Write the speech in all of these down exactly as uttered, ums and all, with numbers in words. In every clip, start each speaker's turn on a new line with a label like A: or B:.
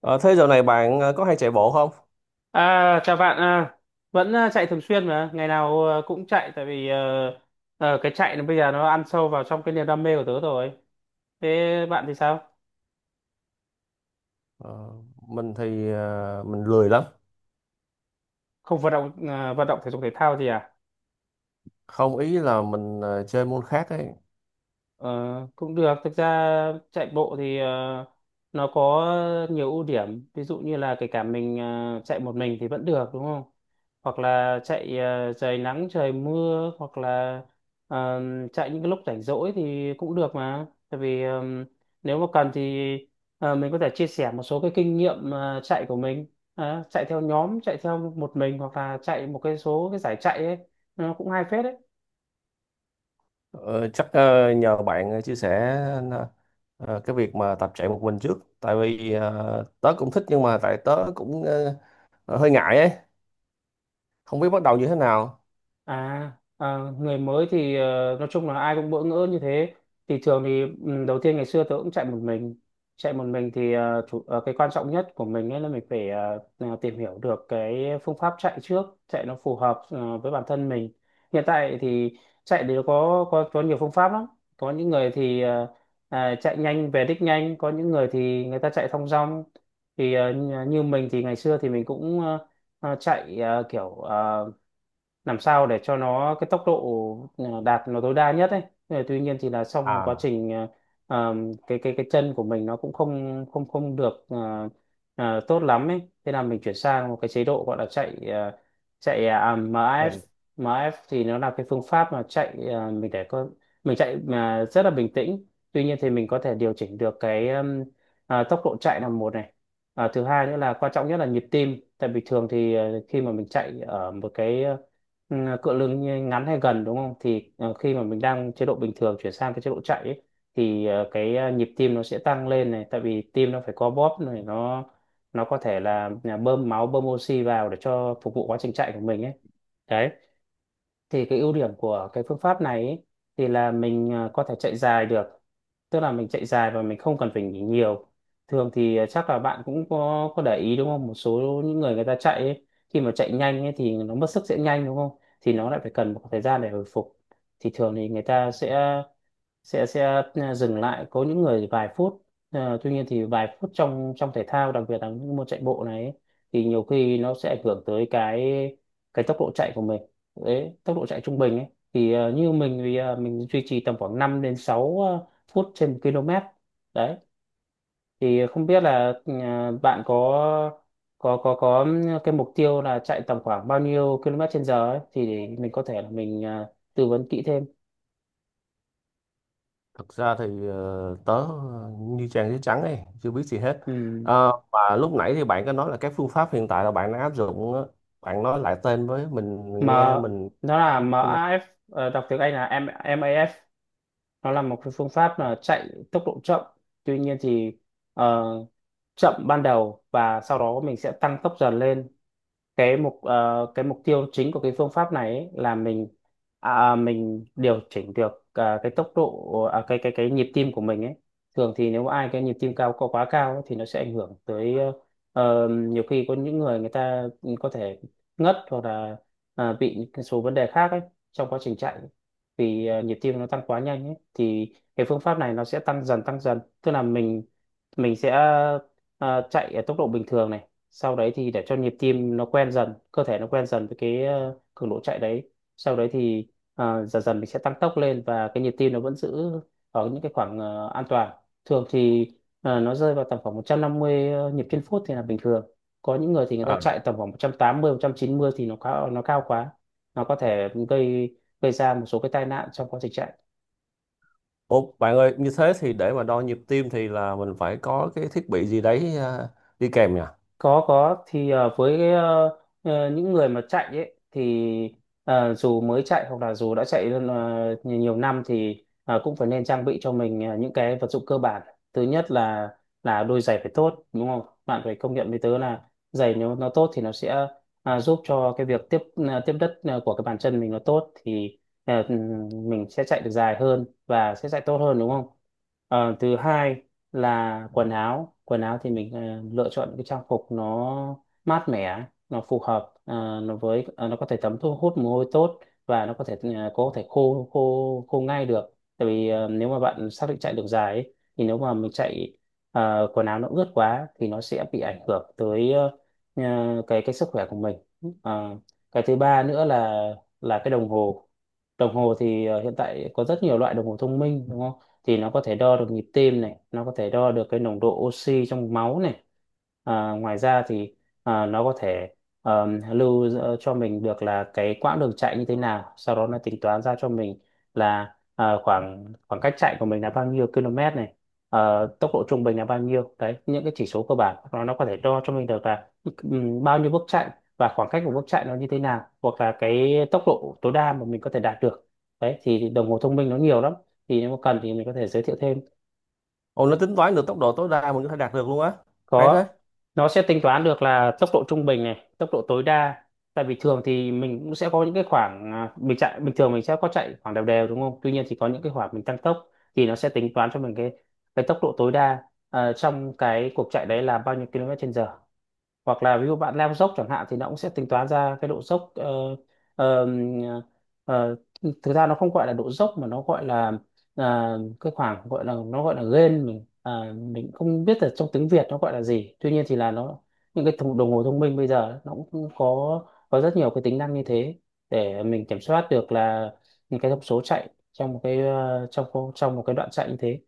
A: Ờ, thế dạo này bạn ờ, có hay chạy bộ không?
B: À, chào bạn, à, vẫn à, chạy thường xuyên mà, ngày nào à, cũng chạy tại vì ờ, ờ, cái chạy nó bây giờ nó ăn sâu vào trong cái niềm đam mê của tớ rồi. Thế bạn thì sao?
A: Ờ, mình thì ờ, mình lười lắm.
B: Không vận động à? Vận động thể dục thể thao gì à?
A: Không, ý là mình ờ, chơi môn khác ấy.
B: Ờ, cũng được. Thực ra chạy bộ thì ờ, nó có nhiều ưu điểm, ví dụ như là kể cả mình ờ, chạy một mình thì vẫn được đúng không, hoặc là chạy ờ, trời nắng trời mưa, hoặc là ờ, chạy những cái lúc rảnh rỗi thì cũng được, mà tại vì ờ, nếu mà cần thì ờ, mình có thể chia sẻ một số cái kinh nghiệm ờ, chạy của mình. Ờ, chạy theo nhóm, chạy theo một mình hoặc là chạy một cái số cái giải chạy ấy, nó cũng hay phết đấy.
A: Ờ, chắc ờ, nhờ bạn ờ, chia sẻ ờ, cái việc mà tập chạy một mình trước. Tại vì ờ, tớ cũng thích nhưng mà tại tớ cũng ờ, hơi ngại ấy. Không biết bắt đầu như thế nào.
B: À, à người mới thì ờ, nói chung là ai cũng bỡ ngỡ như thế. Thì thường thì ừ, đầu tiên ngày xưa tớ cũng chạy một mình. Chạy một mình thì ờ, chủ, ờ, cái quan trọng nhất của mình ấy là mình phải ờ, ờ, tìm hiểu được cái phương pháp chạy trước, chạy nó phù hợp ờ, với bản thân mình. Hiện tại thì chạy thì có có có nhiều phương pháp lắm. Có những người thì ờ, à, chạy nhanh về đích nhanh, có những người thì người ta chạy thong dong. Thì ờ, như như mình thì ngày xưa thì mình cũng ờ, ờ, chạy ờ, kiểu ờ, làm sao để cho nó cái tốc độ ờ, đạt nó tối đa nhất ấy. Ờ, tuy nhiên thì là trong quá
A: À.
B: trình ờ, ờm, cái cái cái chân của mình nó cũng không không không được ờ, ờ, tốt lắm ấy, thế là mình chuyển sang một cái chế độ gọi là chạy ờ, chạy à,
A: Ừ.
B: em ép. em ép thì nó là cái phương pháp mà chạy ờ, mình để có mình chạy mà rất là bình tĩnh. Tuy nhiên thì mình có thể điều chỉnh được cái ừm, ờ, tốc độ chạy là một này. Ờ, thứ hai nữa là quan trọng nhất là nhịp tim, tại vì thường thì ờ, khi mà mình chạy ở một cái ờ, ừ, cựa lưng ly ngắn hay gần đúng không, thì ờ, khi mà mình đang chế độ bình thường chuyển sang cái chế độ chạy ấy, thì ờ, cái ờ, nhịp tim nó sẽ tăng lên này, tại vì tim nó phải co bóp này, nó nó có thể là à, bơm máu bơm oxy vào để cho phục vụ quá trình chạy của mình ấy đấy. Thì cái ưu điểm của cái phương pháp này ấy, thì là mình à, có thể chạy dài được, tức là mình chạy dài và mình không cần phải nghỉ nhiều. Thường thì à, chắc là bạn cũng có có để ý đúng không, một số những người, người ta chạy ấy, khi mà chạy nhanh ấy, thì nó mất sức sẽ nhanh đúng không, thì nó lại phải cần một thời gian để hồi phục. Thì thường thì người ta sẽ sẽ sẽ à, dừng lại, có những người vài phút. Ờ, tuy nhiên thì vài phút trong trong thể thao, đặc biệt là những môn chạy bộ này ấy, thì nhiều khi nó sẽ ảnh hưởng tới cái cái tốc độ chạy của mình. Đấy, tốc độ chạy trung bình ấy, thì ờ, như mình thì ờ, mình duy trì tầm khoảng năm đến sáu ờ, phút trên một km đấy. Thì không biết là ờ, bạn có có có có cái mục tiêu là chạy tầm khoảng bao nhiêu km trên giờ ấy, thì mình có thể là mình ờ, tư vấn kỹ thêm.
A: Thật ra thì ờ, tớ ờ, như trang giấy trắng ấy, chưa biết gì hết.
B: Ừ.
A: Ờ, và lúc nãy thì bạn có nói là các phương pháp hiện tại là bạn đang áp dụng, á. Bạn nói lại tên với mình
B: M
A: nghe, mình
B: nó là
A: không đọc.
B: em a ép. Ờ, đọc tiếng Anh là M em a ép, nó là một cái phương pháp là chạy tốc độ chậm. Tuy nhiên thì ờ, chậm ban đầu và sau đó mình sẽ tăng tốc dần lên. Cái mục ờ, cái mục tiêu chính của cái phương pháp này ấy là mình à, à, mình điều chỉnh được à, cái tốc độ, à, cái cái cái nhịp tim của mình ấy. Thường thì nếu ai cái nhịp tim cao, có quá cao ấy, thì nó sẽ ảnh hưởng tới. ờ, ờ, Nhiều khi có những người, người ta có thể ngất hoặc là à, bị những cái số vấn đề khác ấy trong quá trình chạy. Vì à, nhịp tim nó tăng quá nhanh ấy, thì cái phương pháp này nó sẽ tăng dần tăng dần, tức là mình mình sẽ à, chạy ở tốc độ bình thường này. Sau đấy thì để cho nhịp tim nó quen dần, cơ thể nó quen dần với cái ờ, cường độ chạy đấy. Sau đấy thì ờ, dần dần mình sẽ tăng tốc lên và cái nhịp tim nó vẫn giữ ở những cái khoảng ờ, an toàn. Thường thì ờ, nó rơi vào tầm khoảng một trăm năm mươi nhịp trên phút thì là bình thường. Có những người thì người ta
A: À.
B: chạy tầm khoảng một trăm tám mươi một trăm chín mươi, thì nó cao, nó cao quá, nó có thể gây gây ra một số cái tai nạn trong quá trình chạy.
A: Ồ, bạn ơi, như thế thì để mà đo nhịp tim thì là mình phải có cái thiết bị gì đấy ờ, đi kèm nhỉ?
B: Có. Có thì ờ, với cái, ờ, ờ, những người mà chạy ấy thì ờ, dù mới chạy hoặc là dù đã chạy ờ, nhiều nhiều năm thì ờ, cũng phải nên trang bị cho mình ờ, những cái vật dụng cơ bản. Thứ nhất là là đôi giày phải tốt đúng không, bạn phải công nhận với tớ là giày nếu nó tốt thì nó sẽ ờ, giúp cho cái việc tiếp ờ, tiếp đất ờ, của cái bàn chân mình nó tốt, thì ờ, mình sẽ chạy được dài hơn và sẽ chạy tốt hơn đúng không. Ờ, thứ hai là quần áo. Quần áo thì mình ờ, lựa chọn những cái trang phục nó mát mẻ, nó phù hợp ờ, nó với ờ, nó có thể thấm thu hút mồ hôi tốt và nó có thể ờ, có thể khô khô khô ngay được, tại vì ờ, nếu mà bạn xác định chạy đường dài ấy, thì nếu mà mình chạy ờ, quần áo nó ướt quá thì nó sẽ bị ảnh hưởng tới ờ, ờ, cái cái sức khỏe của mình. Ờ, cái thứ ba nữa là là cái đồng hồ. Đồng hồ thì ờ, hiện tại có rất nhiều loại đồng hồ thông minh đúng không, thì nó có thể đo được nhịp tim này, nó có thể đo được cái nồng độ oxy trong máu này. À, ngoài ra thì à, nó có thể ờm, lưu giữ cho mình được là cái quãng đường chạy như thế nào, sau đó nó tính toán ra cho mình là à, khoảng khoảng cách chạy của mình là bao nhiêu km này, ờ, tốc độ trung bình là bao nhiêu. Đấy, những cái chỉ số cơ bản nó nó có thể đo cho mình được là ừm, bao nhiêu bước chạy và khoảng cách của bước chạy nó như thế nào, hoặc là cái tốc độ tối đa mà mình có thể đạt được. Đấy thì đồng hồ thông minh nó nhiều lắm, thì nếu mà cần thì mình có thể giới thiệu thêm.
A: Ồ, nó tính toán được tốc độ tối đa mình có thể đạt được luôn á. Hay
B: Có,
A: thế.
B: nó sẽ tính toán được là tốc độ trung bình này, tốc độ tối đa. Tại vì thường thì mình cũng sẽ có những cái khoảng à, mình chạy bình thường, mình sẽ có chạy khoảng đều đều đúng không, tuy nhiên thì có những cái khoảng mình tăng tốc. Thì nó sẽ tính toán cho mình cái cái tốc độ tối đa à, trong cái cuộc chạy đấy là bao nhiêu km/h. Hoặc là ví dụ bạn leo dốc chẳng hạn thì nó cũng sẽ tính toán ra cái độ dốc. ờ, ờ, ờ, Thực ra nó không gọi là độ dốc mà nó gọi là ờ, cái khoảng gọi là, nó gọi là gain. Mình à, mình không biết là trong tiếng Việt nó gọi là gì, tuy nhiên thì là nó, những cái thùng- đồng hồ thông minh bây giờ nó cũng có có rất nhiều cái tính năng như thế, để mình kiểm soát được là những cái thông số chạy trong một cái ờ, trong trong một cái đoạn chạy như thế.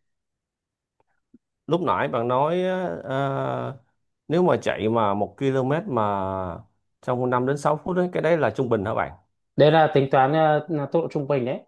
A: Lúc nãy bạn nói ờ, nếu mà chạy mà một ki lô mét mà trong năm đến sáu phút ấy, cái đấy là trung bình hả bạn?
B: Đấy là tính toán ờ, tốc độ trung bình đấy.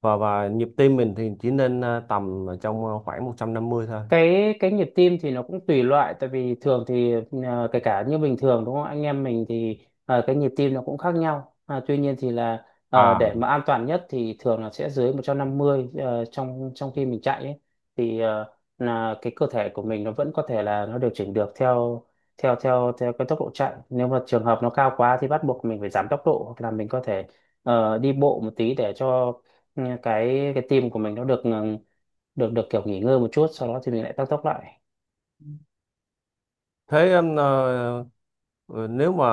A: Và và nhịp tim mình thì chỉ nên ờ, tầm ở trong ờ, khoảng một trăm năm mươi thôi
B: Cái cái nhịp tim thì nó cũng tùy loại, tại vì thường thì ờ, kể cả như bình thường đúng không, anh em mình thì ờ, cái nhịp tim nó cũng khác nhau, à, tuy nhiên thì là ờ,
A: à?
B: để mà an toàn nhất thì thường là sẽ dưới một trăm năm mươi ờ, trong trong khi mình chạy ấy, thì ờ, là cái cơ thể của mình nó vẫn có thể là nó điều chỉnh được theo theo theo theo cái tốc độ chạy, nếu mà Trường hợp nó cao quá thì bắt buộc mình phải giảm tốc độ, hoặc là mình có thể ờ, đi bộ một tí để cho ừ, cái cái tim của mình nó được ừ, được được kiểu nghỉ ngơi một chút, sau đó thì mình lại tăng tốc lại.
A: Thế em, ờ, ờ, nếu mà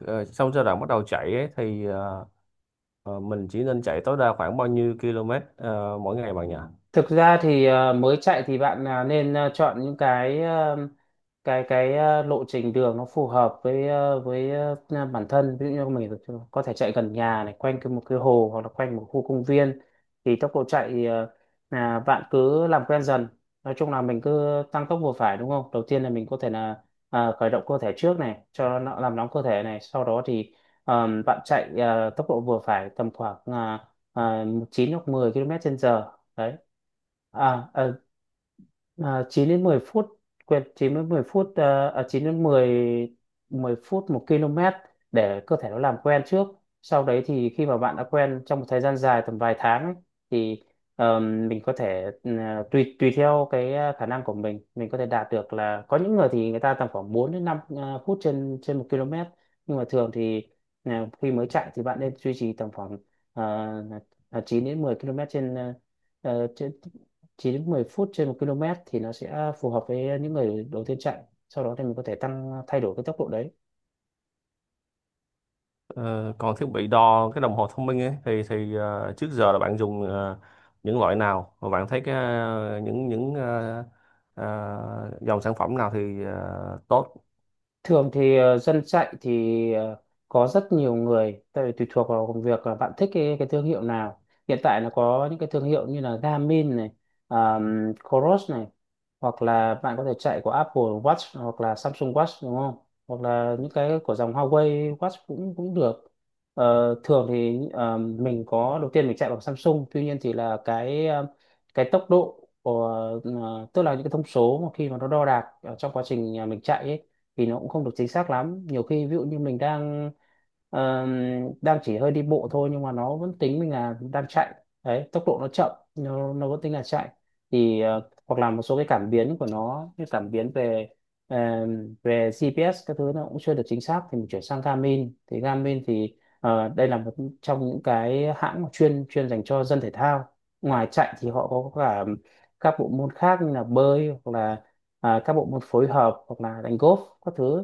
A: ờ, sau giai đoạn bắt đầu chạy ấy, thì ờ, ờ, mình chỉ nên chạy tối đa khoảng bao nhiêu ki lô mét ờ, mỗi ngày bạn nhỉ?
B: Thực ra thì ờ, mới chạy thì bạn à, nên à, chọn những cái ờ, cái cái ờ, lộ trình đường nó phù hợp với ờ, với ờ, à, bản thân. Ví dụ như mình có thể chạy gần nhà này, quanh cái một cái hồ hoặc là quanh một khu công viên. Thì tốc độ chạy thì, ờ, là bạn cứ làm quen dần. Nói chung là mình cứ tăng tốc vừa phải, đúng không? Đầu tiên là mình có thể là ờ, khởi động cơ thể trước này cho nó làm nóng cơ thể này, sau đó thì ờ, bạn chạy ờ, tốc độ vừa phải tầm khoảng uh, chín hoặc mười ki lô mét trên giờ đấy. à, à, à chín đến mười phút, quên, chín đến mười phút, à, à, chín đến mười, mười phút một ki lô mét, để cơ thể nó làm quen trước. Sau đấy thì khi mà bạn đã quen trong một thời gian dài tầm vài tháng ấy, thì ờm, mình có thể ừm, à, tùy tùy theo cái à, khả năng của mình mình có thể đạt được là có những người thì người ta tầm khoảng bốn đến năm à, phút trên trên một ki lô mét. Nhưng mà thường thì à, khi mới chạy thì bạn nên duy trì tầm khoảng ờ, à, chín đến mười ki lô mét trên à, ờ, trên chín đến mười phút trên một ki lô mét thì nó sẽ phù hợp với những người đầu tiên chạy. Sau đó thì mình có thể tăng, thay đổi cái tốc độ đấy.
A: Ờ, còn thiết bị đo cái đồng hồ thông minh ấy thì thì ờ, trước giờ là bạn dùng ờ, những loại nào, và bạn thấy cái ờ, những những ờ, ờ, dòng sản phẩm nào thì ờ, tốt?
B: Thường thì ờ, dân chạy thì ờ, có rất nhiều người, tại vì tùy thuộc vào công việc là bạn thích cái, cái thương hiệu nào. Hiện tại là có những cái thương hiệu như là Garmin này, um, Coros này, hoặc là bạn có thể chạy của Apple Watch hoặc là Samsung Watch, đúng không? Hoặc là những cái của dòng Huawei Watch cũng cũng được. Ờ, thường thì ờ, mình có đầu tiên mình chạy bằng Samsung, tuy nhiên thì là cái ờ, cái tốc độ của ờ, tức là những cái thông số mà khi mà nó đo đạc ở trong quá trình ờ, mình chạy ấy, thì nó cũng không được chính xác lắm. Nhiều khi ví dụ như mình đang ờ, đang chỉ hơi đi bộ thôi nhưng mà nó vẫn tính mình là đang chạy đấy, tốc độ nó chậm nó nó vẫn tính là chạy. Thì ờ, hoặc là một số cái cảm biến của nó như cảm biến về ờ, về giê pê ét các thứ nó cũng chưa được chính xác, thì mình chuyển sang Garmin. Thì Garmin thì ờ, đây là một trong những cái hãng mà chuyên chuyên dành cho dân thể thao. Ngoài chạy thì họ có cả các bộ môn khác như là bơi hoặc là à, các bộ môn phối hợp hoặc là đánh golf các thứ.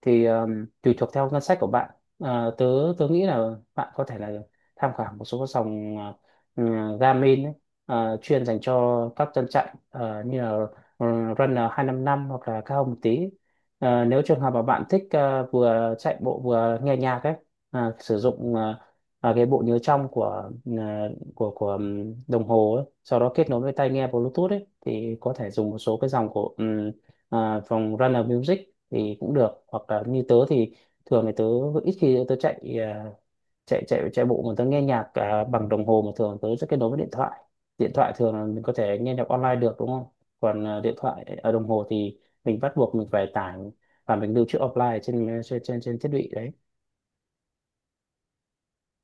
B: Thì um, tùy thuộc theo ngân sách của bạn, à, tớ tớ nghĩ là bạn có thể là tham khảo một số các sòng à, ừ, Garmin ấy, à, chuyên dành cho các tân chạy à, như là ừ, Runner hai năm năm hoặc là cao hơn một tí. À, nếu trường hợp mà bạn thích à, vừa chạy bộ vừa nghe nhạc ấy, à, sử dụng à, à, cái bộ nhớ trong của à, của của ừm, đồng hồ ấy, sau đó kết nối với tai nghe Bluetooth ấy, thì có thể dùng một số cái dòng của ừm, à, dòng Runner Music thì cũng được. Hoặc là như tớ thì thường thì tớ ít khi tớ chạy à, chạy chạy chạy bộ mà tớ nghe nhạc à, bằng đồng hồ, mà thường tớ sẽ kết nối với điện thoại. Điện thoại thường là mình có thể nghe nhạc online được, đúng không? Còn à, điện thoại ở đồng hồ thì mình bắt buộc mình phải tải và mình lưu trữ offline trên trên trên trên thiết bị đấy.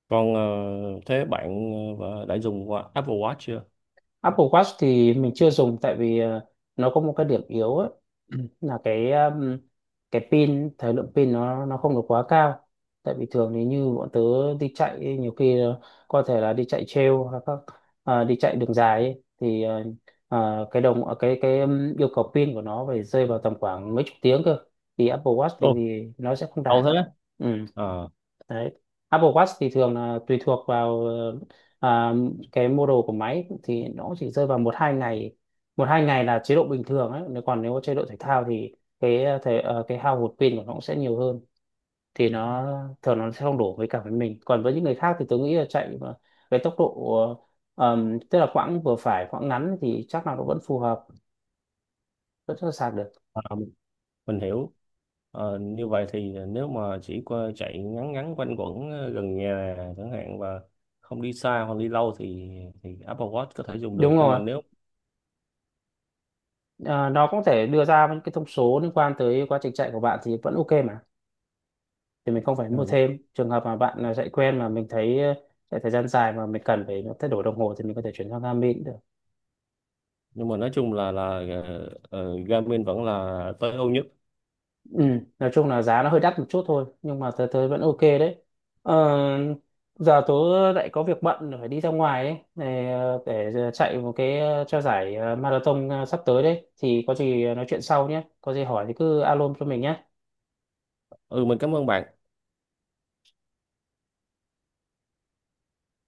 A: Còn ờ, thế bạn ờ, đã dùng qua Apple Watch chưa?
B: Apple Watch thì mình chưa dùng tại vì ờ, nó có một cái điểm yếu ấy, là cái um, cái pin, thời lượng pin nó nó không được quá cao. Tại vì thường thì như bọn tớ đi chạy ấy, nhiều khi ờ, có thể là đi chạy trail hoặc các ờ, đi chạy đường dài ấy, thì ờ, ờ, cái đồng cái cái um, yêu cầu pin của nó phải rơi vào tầm khoảng mấy chục tiếng cơ, thì Apple Watch thì, thì nó sẽ không
A: Cầu
B: đạt.
A: thế.
B: Ừ.
A: Ờ,
B: Đấy. Apple Watch thì thường là tùy thuộc vào ờ, à, cái model của máy thì nó chỉ rơi vào một hai ngày. Một hai ngày là chế độ bình thường ấy, nếu còn nếu chế độ thể thao thì cái thể, ờ, cái hao hụt pin của nó cũng sẽ nhiều hơn. Thì nó thường nó sẽ không đổ với cả với mình, còn với những người khác thì tôi nghĩ là chạy mà với tốc độ ờm, tức là quãng vừa phải, quãng ngắn thì chắc là nó vẫn phù hợp, vẫn sẽ sạc được.
A: à, mình hiểu. Ờ, như vậy thì nếu mà chỉ qua chạy ngắn ngắn quanh quẩn ờ, gần nhà chẳng hạn và không đi xa hoặc đi lâu thì thì Apple Watch có thể dùng được,
B: Đúng
A: nhưng mà
B: rồi.
A: nếu…
B: Ờ, nó cũng thể đưa ra những cái thông số liên quan tới quá trình chạy của bạn thì vẫn ok mà, thì mình không phải mua
A: Rồi.
B: thêm. Trường hợp mà bạn à, chạy quen mà mình thấy ờ, chạy thời gian dài mà mình cần phải thay đổi đồng hồ thì mình có thể chuyển sang Garmin cũng được.
A: Nhưng mà nói chung là là ờ, ờ, Garmin vẫn là tối ưu nhất.
B: Ừ. Nói chung là giá nó hơi đắt một chút thôi, nhưng mà tớ tớ vẫn ok đấy. Ờ, giờ tớ lại có việc bận phải đi ra ngoài ấy, để để ờ, chạy một cái ờ, cho giải ờ, marathon ờ, sắp tới đấy, thì có gì nói chuyện sau nhé, có gì hỏi thì cứ alo cho mình nhé.
A: Ừ, mình cảm ơn bạn.